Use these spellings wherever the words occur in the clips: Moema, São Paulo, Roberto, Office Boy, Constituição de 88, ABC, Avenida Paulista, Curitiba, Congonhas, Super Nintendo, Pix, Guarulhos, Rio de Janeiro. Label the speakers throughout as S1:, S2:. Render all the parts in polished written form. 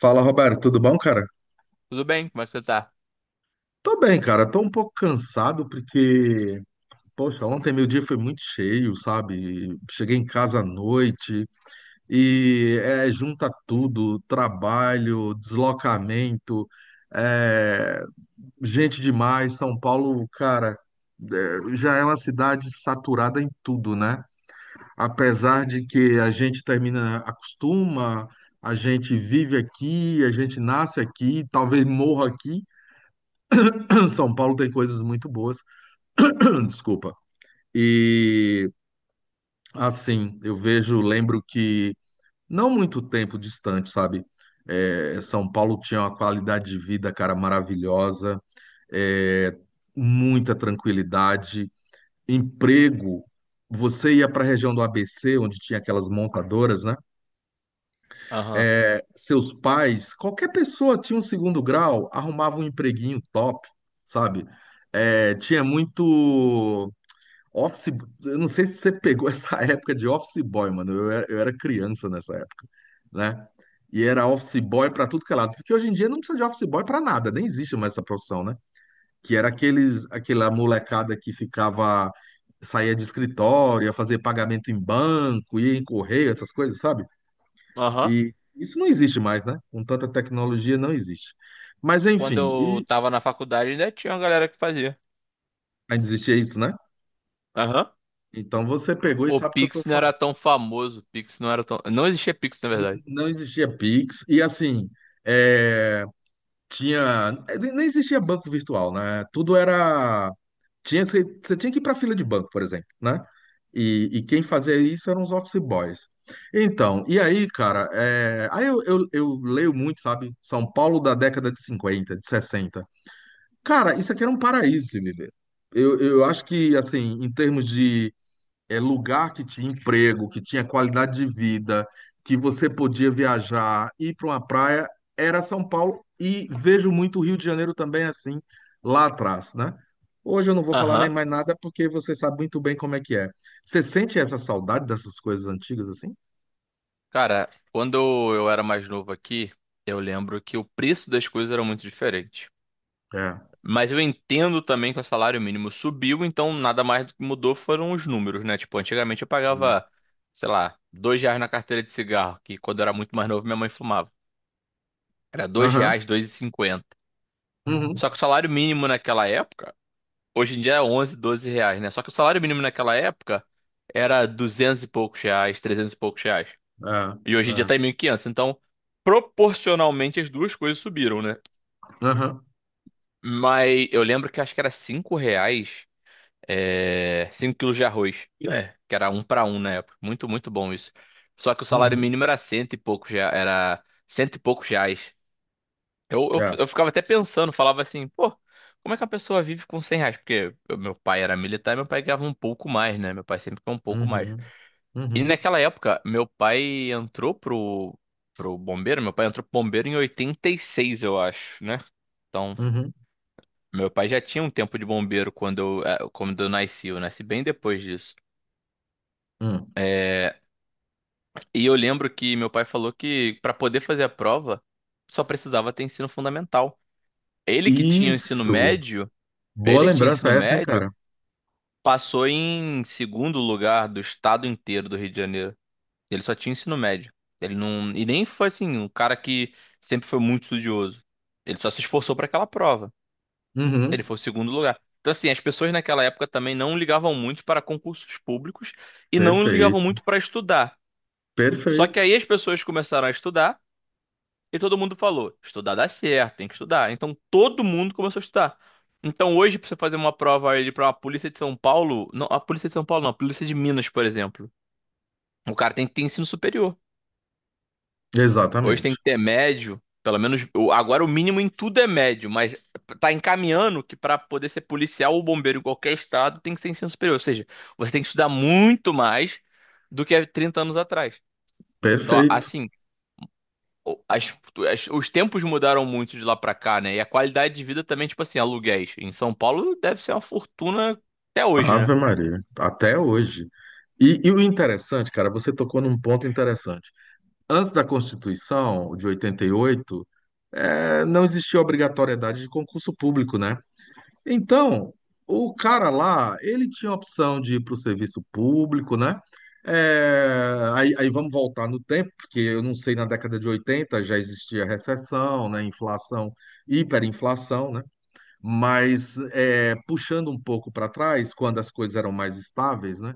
S1: Fala, Roberto, tudo bom, cara?
S2: Tudo bem? Como é que você tá?
S1: Tô bem, cara. Tô um pouco cansado porque, poxa, ontem meu dia foi muito cheio, sabe? Cheguei em casa à noite junta tudo, trabalho, deslocamento, é, gente demais. São Paulo, cara, já é uma cidade saturada em tudo, né? Apesar de que a gente termina, acostuma, a gente vive aqui, a gente nasce aqui, talvez morra aqui. São Paulo tem coisas muito boas. Desculpa. E assim, eu vejo, lembro que não muito tempo distante, sabe? São Paulo tinha uma qualidade de vida, cara, maravilhosa, é, muita tranquilidade, emprego. Você ia para a região do ABC, onde tinha aquelas montadoras, né?
S2: Aham.
S1: Seus pais, qualquer pessoa tinha um segundo grau, arrumava um empreguinho top, sabe? Tinha muito Office, eu não sei se você pegou essa época de Office Boy, mano. Eu era criança nessa época, né? E era Office Boy pra tudo que é lado. Porque hoje em dia não precisa de Office Boy pra nada, nem existe mais essa profissão, né? Aquela molecada que ficava, saía de escritório, ia fazer pagamento em banco, ia em correio, essas coisas, sabe?
S2: Aham,
S1: E isso não existe mais, né? Com tanta tecnologia, não existe. Mas
S2: quando
S1: enfim,
S2: eu tava na faculdade, ainda tinha uma galera que fazia.
S1: ainda existia isso, né?
S2: Aham.
S1: Então você pegou e
S2: O
S1: sabe o que eu tô
S2: Pix não era
S1: falando.
S2: tão famoso. O Pix não era tão. Não existia Pix, na verdade.
S1: Não existia Pix e assim é, tinha nem existia banco virtual, né? Tudo era tinha você tinha que ir para fila de banco, por exemplo, né? E quem fazia isso eram os office boys. Então, e aí, cara, aí eu leio muito, sabe? São Paulo da década de 50 de 60. Cara, isso aqui era um paraíso, se me ver. Eu acho que, assim, em termos de lugar que tinha emprego, que tinha qualidade de vida, que você podia viajar, ir para uma praia, era São Paulo. E vejo muito o Rio de Janeiro também assim, lá atrás, né? Hoje eu não vou falar nem
S2: Aham.
S1: mais nada porque você sabe muito bem como é que é. Você sente essa saudade dessas coisas antigas assim?
S2: Cara, quando eu era mais novo aqui, eu lembro que o preço das coisas era muito diferente.
S1: É,
S2: Mas eu entendo também que o salário mínimo subiu, então nada mais do que mudou foram os números, né? Tipo, antigamente eu
S1: isso.
S2: pagava, sei lá, R$ 2 na carteira de cigarro, que quando eu era muito mais novo minha mãe fumava. Era dois
S1: Aham,
S2: reais, 2,50.
S1: uhum,
S2: Só que o salário mínimo naquela época, hoje em dia é 11, R$ 12, né? Só que o salário mínimo naquela época era 200 e poucos reais, 300 e poucos reais. E
S1: é,
S2: hoje em dia
S1: é,
S2: tá em 1.500. Então, proporcionalmente as duas coisas subiram, né?
S1: aham,
S2: Mas eu lembro que acho que era R$ 5, é, 5 quilos de arroz. É, que era um para um na época. Muito, muito bom isso. Só que o salário
S1: uhum,
S2: mínimo era cento e poucos, era cento e poucos reais. Eu, eu,
S1: é,
S2: eu ficava até pensando, falava assim, pô, como é que a pessoa vive com R$ 100? Porque meu pai era militar e meu pai ganhava um pouco mais, né? Meu pai sempre ganhou um pouco mais.
S1: uhum,
S2: E
S1: uhum,
S2: naquela época, meu pai entrou pro bombeiro, meu pai entrou pro bombeiro em 86, eu acho, né? Então,
S1: uhum,
S2: meu pai já tinha um tempo de bombeiro quando eu nasci bem depois disso.
S1: uhum.
S2: É. E eu lembro que meu pai falou que para poder fazer a prova só precisava ter ensino fundamental. Ele que tinha o ensino
S1: Isso.
S2: médio,
S1: Boa
S2: ele que tinha
S1: lembrança
S2: ensino
S1: essa, hein,
S2: médio.
S1: cara?
S2: Passou em segundo lugar do estado inteiro do Rio de Janeiro. Ele só tinha ensino médio. Ele não, e nem foi assim, um cara que sempre foi muito estudioso. Ele só se esforçou para aquela prova. Ele
S1: Uhum.
S2: foi o segundo lugar. Então, assim, as pessoas naquela época também não ligavam muito para concursos públicos e não ligavam
S1: Perfeito,
S2: muito para estudar. Só que
S1: perfeito,
S2: aí as pessoas começaram a estudar e todo mundo falou: estudar dá certo, tem que estudar. Então todo mundo começou a estudar. Então hoje, pra você fazer uma prova ali pra uma polícia de São Paulo, não, a polícia de São Paulo não, a polícia de Minas, por exemplo. O cara tem que ter ensino superior. Hoje tem
S1: exatamente,
S2: que ter médio, pelo menos agora o mínimo em tudo é médio, mas tá encaminhando que pra poder ser policial ou bombeiro em qualquer estado tem que ter ensino superior. Ou seja, você tem que estudar muito mais do que há 30 anos atrás. Então,
S1: perfeito.
S2: assim, as- os tempos mudaram muito de lá pra cá, né? E a qualidade de vida também, tipo assim, aluguéis. Em São Paulo deve ser uma fortuna até hoje, né?
S1: Ave Maria, até hoje. E o interessante, cara, você tocou num ponto interessante. Antes da Constituição de 88, não existia obrigatoriedade de concurso público, né? Então, o cara lá, ele tinha a opção de ir para o serviço público, né? Aí vamos voltar no tempo, porque eu não sei, na década de 80 já existia recessão, né? Inflação, hiperinflação, né? Puxando um pouco para trás, quando as coisas eram mais estáveis, né?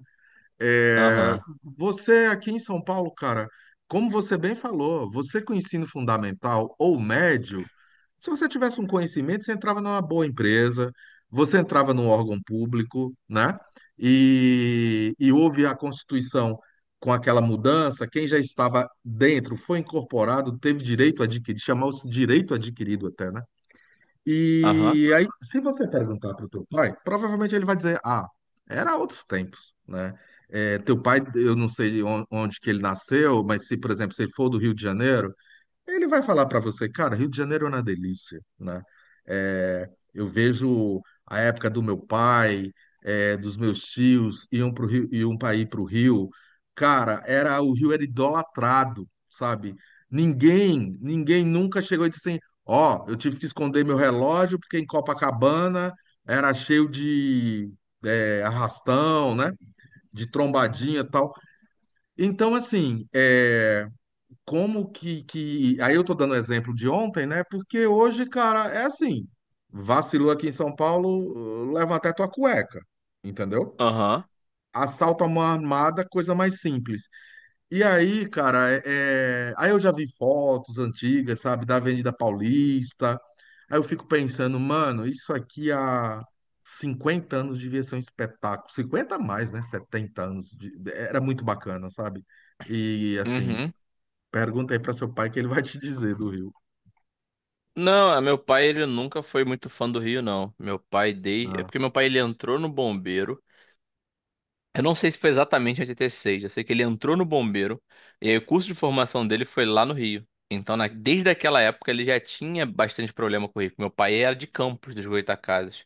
S1: É,
S2: Aham,
S1: você aqui em São Paulo, cara, como você bem falou, você com ensino fundamental ou médio, se você tivesse um conhecimento, você entrava numa boa empresa, você entrava num órgão público, né? E houve a Constituição com aquela mudança, quem já estava dentro foi incorporado, teve direito adquirido, chamou-se direito adquirido até, né?
S2: aham,
S1: E aí, se você perguntar para o teu pai, provavelmente ele vai dizer, ah, era outros tempos, né? É, teu pai, eu não sei onde que ele nasceu, mas se, por exemplo, se ele for do Rio de Janeiro, ele vai falar para você, cara, Rio de Janeiro é uma delícia, né? É, eu vejo a época do meu pai, dos meus tios, iam para o Rio, iam para ir para o Rio. Cara, era o Rio era idolatrado, sabe? Ninguém nunca chegou e disse assim, ó, eu tive que esconder meu relógio porque em Copacabana era cheio de arrastão, né? De trombadinha e tal. Então, assim, é como que, que. Aí eu tô dando exemplo de ontem, né? Porque hoje, cara, é assim: vacilou aqui em São Paulo, leva até tua cueca, entendeu?
S2: aham,
S1: Assalto a mão armada, coisa mais simples. E aí, cara, é... é- aí eu já vi fotos antigas, sabe, da Avenida Paulista. Aí eu fico pensando, mano, isso aqui há 50 anos devia ser um espetáculo. 50 a mais, né? 70 anos. Era muito bacana, sabe? E assim.
S2: uhum.
S1: Pergunta aí para seu pai que ele vai te dizer do Rio.
S2: Não, é, meu pai, ele nunca foi muito fã do Rio, não. Meu pai, dei É
S1: Ah,
S2: porque meu pai, ele entrou no bombeiro. Eu não sei se foi exatamente em 86, eu sei que ele entrou no bombeiro. E aí o curso de formação dele foi lá no Rio. Então, desde aquela época, ele já tinha bastante problema com o Rio. Meu pai era de Campos, dos Goytacazes.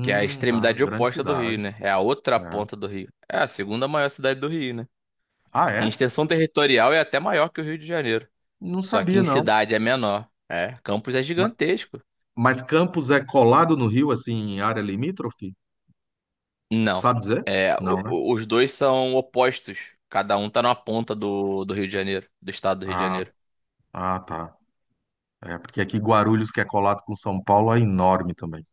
S2: Que é a
S1: tá.
S2: extremidade
S1: Grande
S2: oposta do Rio,
S1: cidade.
S2: né? É a outra
S1: Né?
S2: ponta do Rio. É a segunda maior cidade do Rio, né?
S1: Ah,
S2: Em
S1: é?
S2: extensão territorial é até maior que o Rio de Janeiro.
S1: Não
S2: Só que
S1: sabia,
S2: em
S1: não.
S2: cidade é menor. É, Campos é
S1: Ma-
S2: gigantesco.
S1: Mas Campos é colado no Rio, assim, em área limítrofe?
S2: Não.
S1: Sabe dizer?
S2: É,
S1: Não, né?
S2: os dois são opostos. Cada um tá numa ponta do Rio de Janeiro, do estado do Rio de
S1: Ah,
S2: Janeiro.
S1: ah, tá. É, porque aqui Guarulhos, que é colado com São Paulo, é enorme também.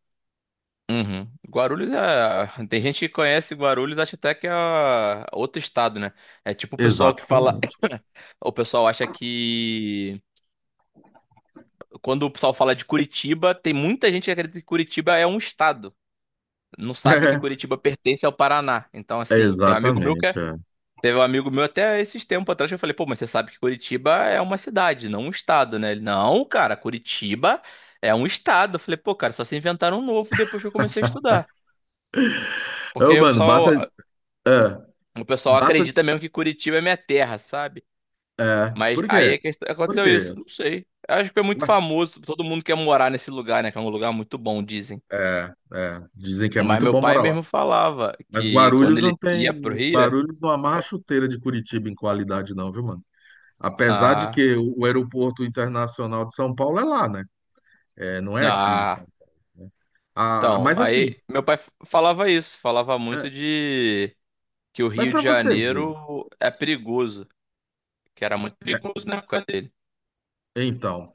S2: Uhum. Guarulhos é. Tem gente que conhece Guarulhos, acha até que é outro estado, né? É tipo o pessoal que fala.
S1: Exatamente.
S2: O pessoal acha que. Quando o pessoal fala de Curitiba, tem muita gente que acredita que Curitiba é um estado. Não sabe que Curitiba pertence ao Paraná. Então,
S1: É,
S2: assim, tem um amigo meu que
S1: exatamente.
S2: é-
S1: É.
S2: teve um amigo meu até esses tempos atrás que eu falei, pô, mas você sabe que Curitiba é uma cidade, não um estado, né? Ele, não, cara, Curitiba é um estado. Eu falei, pô, cara, só se inventaram um novo depois que eu comecei a estudar.
S1: Ô,
S2: Porque o
S1: mano, basta.
S2: pessoal,
S1: É,
S2: o pessoal
S1: basta.
S2: acredita mesmo que Curitiba é minha terra, sabe?
S1: É.
S2: Mas
S1: Por
S2: aí
S1: quê?
S2: é que
S1: Por
S2: aconteceu
S1: quê?
S2: isso, não sei. Eu acho que é muito
S1: Ué,
S2: famoso, todo mundo quer morar nesse lugar, né? Que é um lugar muito bom, dizem.
S1: é, é. Dizem que é
S2: Mas
S1: muito
S2: meu
S1: bom
S2: pai
S1: morar lá.
S2: mesmo falava
S1: Mas
S2: que quando
S1: Guarulhos
S2: ele
S1: não
S2: ia
S1: tem.
S2: pro Rio.
S1: Guarulhos não amarra a chuteira de Curitiba em qualidade, não, viu, mano? Apesar de
S2: Ah,
S1: que o aeroporto internacional de São Paulo é lá, né? É, não é aqui, sabe?
S2: ah,
S1: Ah,
S2: então,
S1: mas assim,
S2: aí meu pai falava isso, falava
S1: é,
S2: muito de que o
S1: mas
S2: Rio de
S1: para você ver.
S2: Janeiro é perigoso, que era muito perigoso na época dele.
S1: é, então,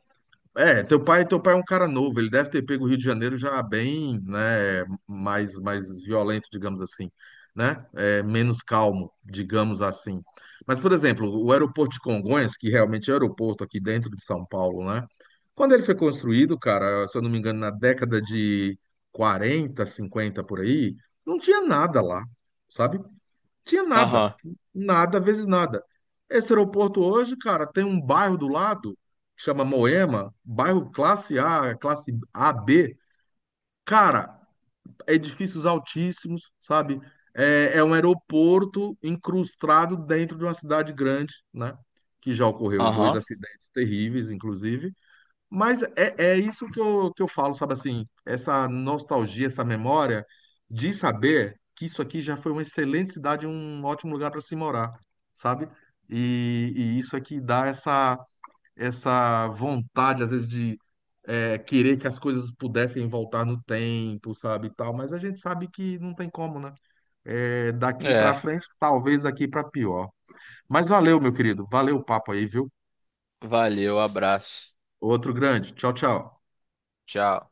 S1: É, teu pai é um cara novo, ele deve ter pego o Rio de Janeiro já bem, né, mais violento, digamos assim, né, menos calmo, digamos assim. Mas, por exemplo, o aeroporto de Congonhas, que realmente é o aeroporto aqui dentro de São Paulo, né, quando ele foi construído, cara, se eu não me engano, na década de 40, 50, por aí, não tinha nada lá, sabe? Tinha nada.
S2: Aham,
S1: Nada, vezes nada. Esse aeroporto hoje, cara, tem um bairro do lado, chama Moema, bairro classe A, classe A B. Cara, edifícios altíssimos, sabe? É, é um aeroporto incrustado dentro de uma cidade grande, né? Que já ocorreu dois
S2: aham,
S1: acidentes terríveis, inclusive. Mas é, é isso que eu falo, sabe assim, essa nostalgia, essa memória de saber que isso aqui já foi uma excelente cidade, um ótimo lugar para se morar, sabe? E isso aqui dá essa, essa vontade, às vezes, de querer que as coisas pudessem voltar no tempo, sabe, e tal, mas a gente sabe que não tem como, né? É, daqui para
S2: é,
S1: frente, talvez daqui para pior. Mas valeu, meu querido, valeu o papo aí, viu?
S2: valeu, abraço,
S1: Outro grande. Tchau, tchau.
S2: tchau.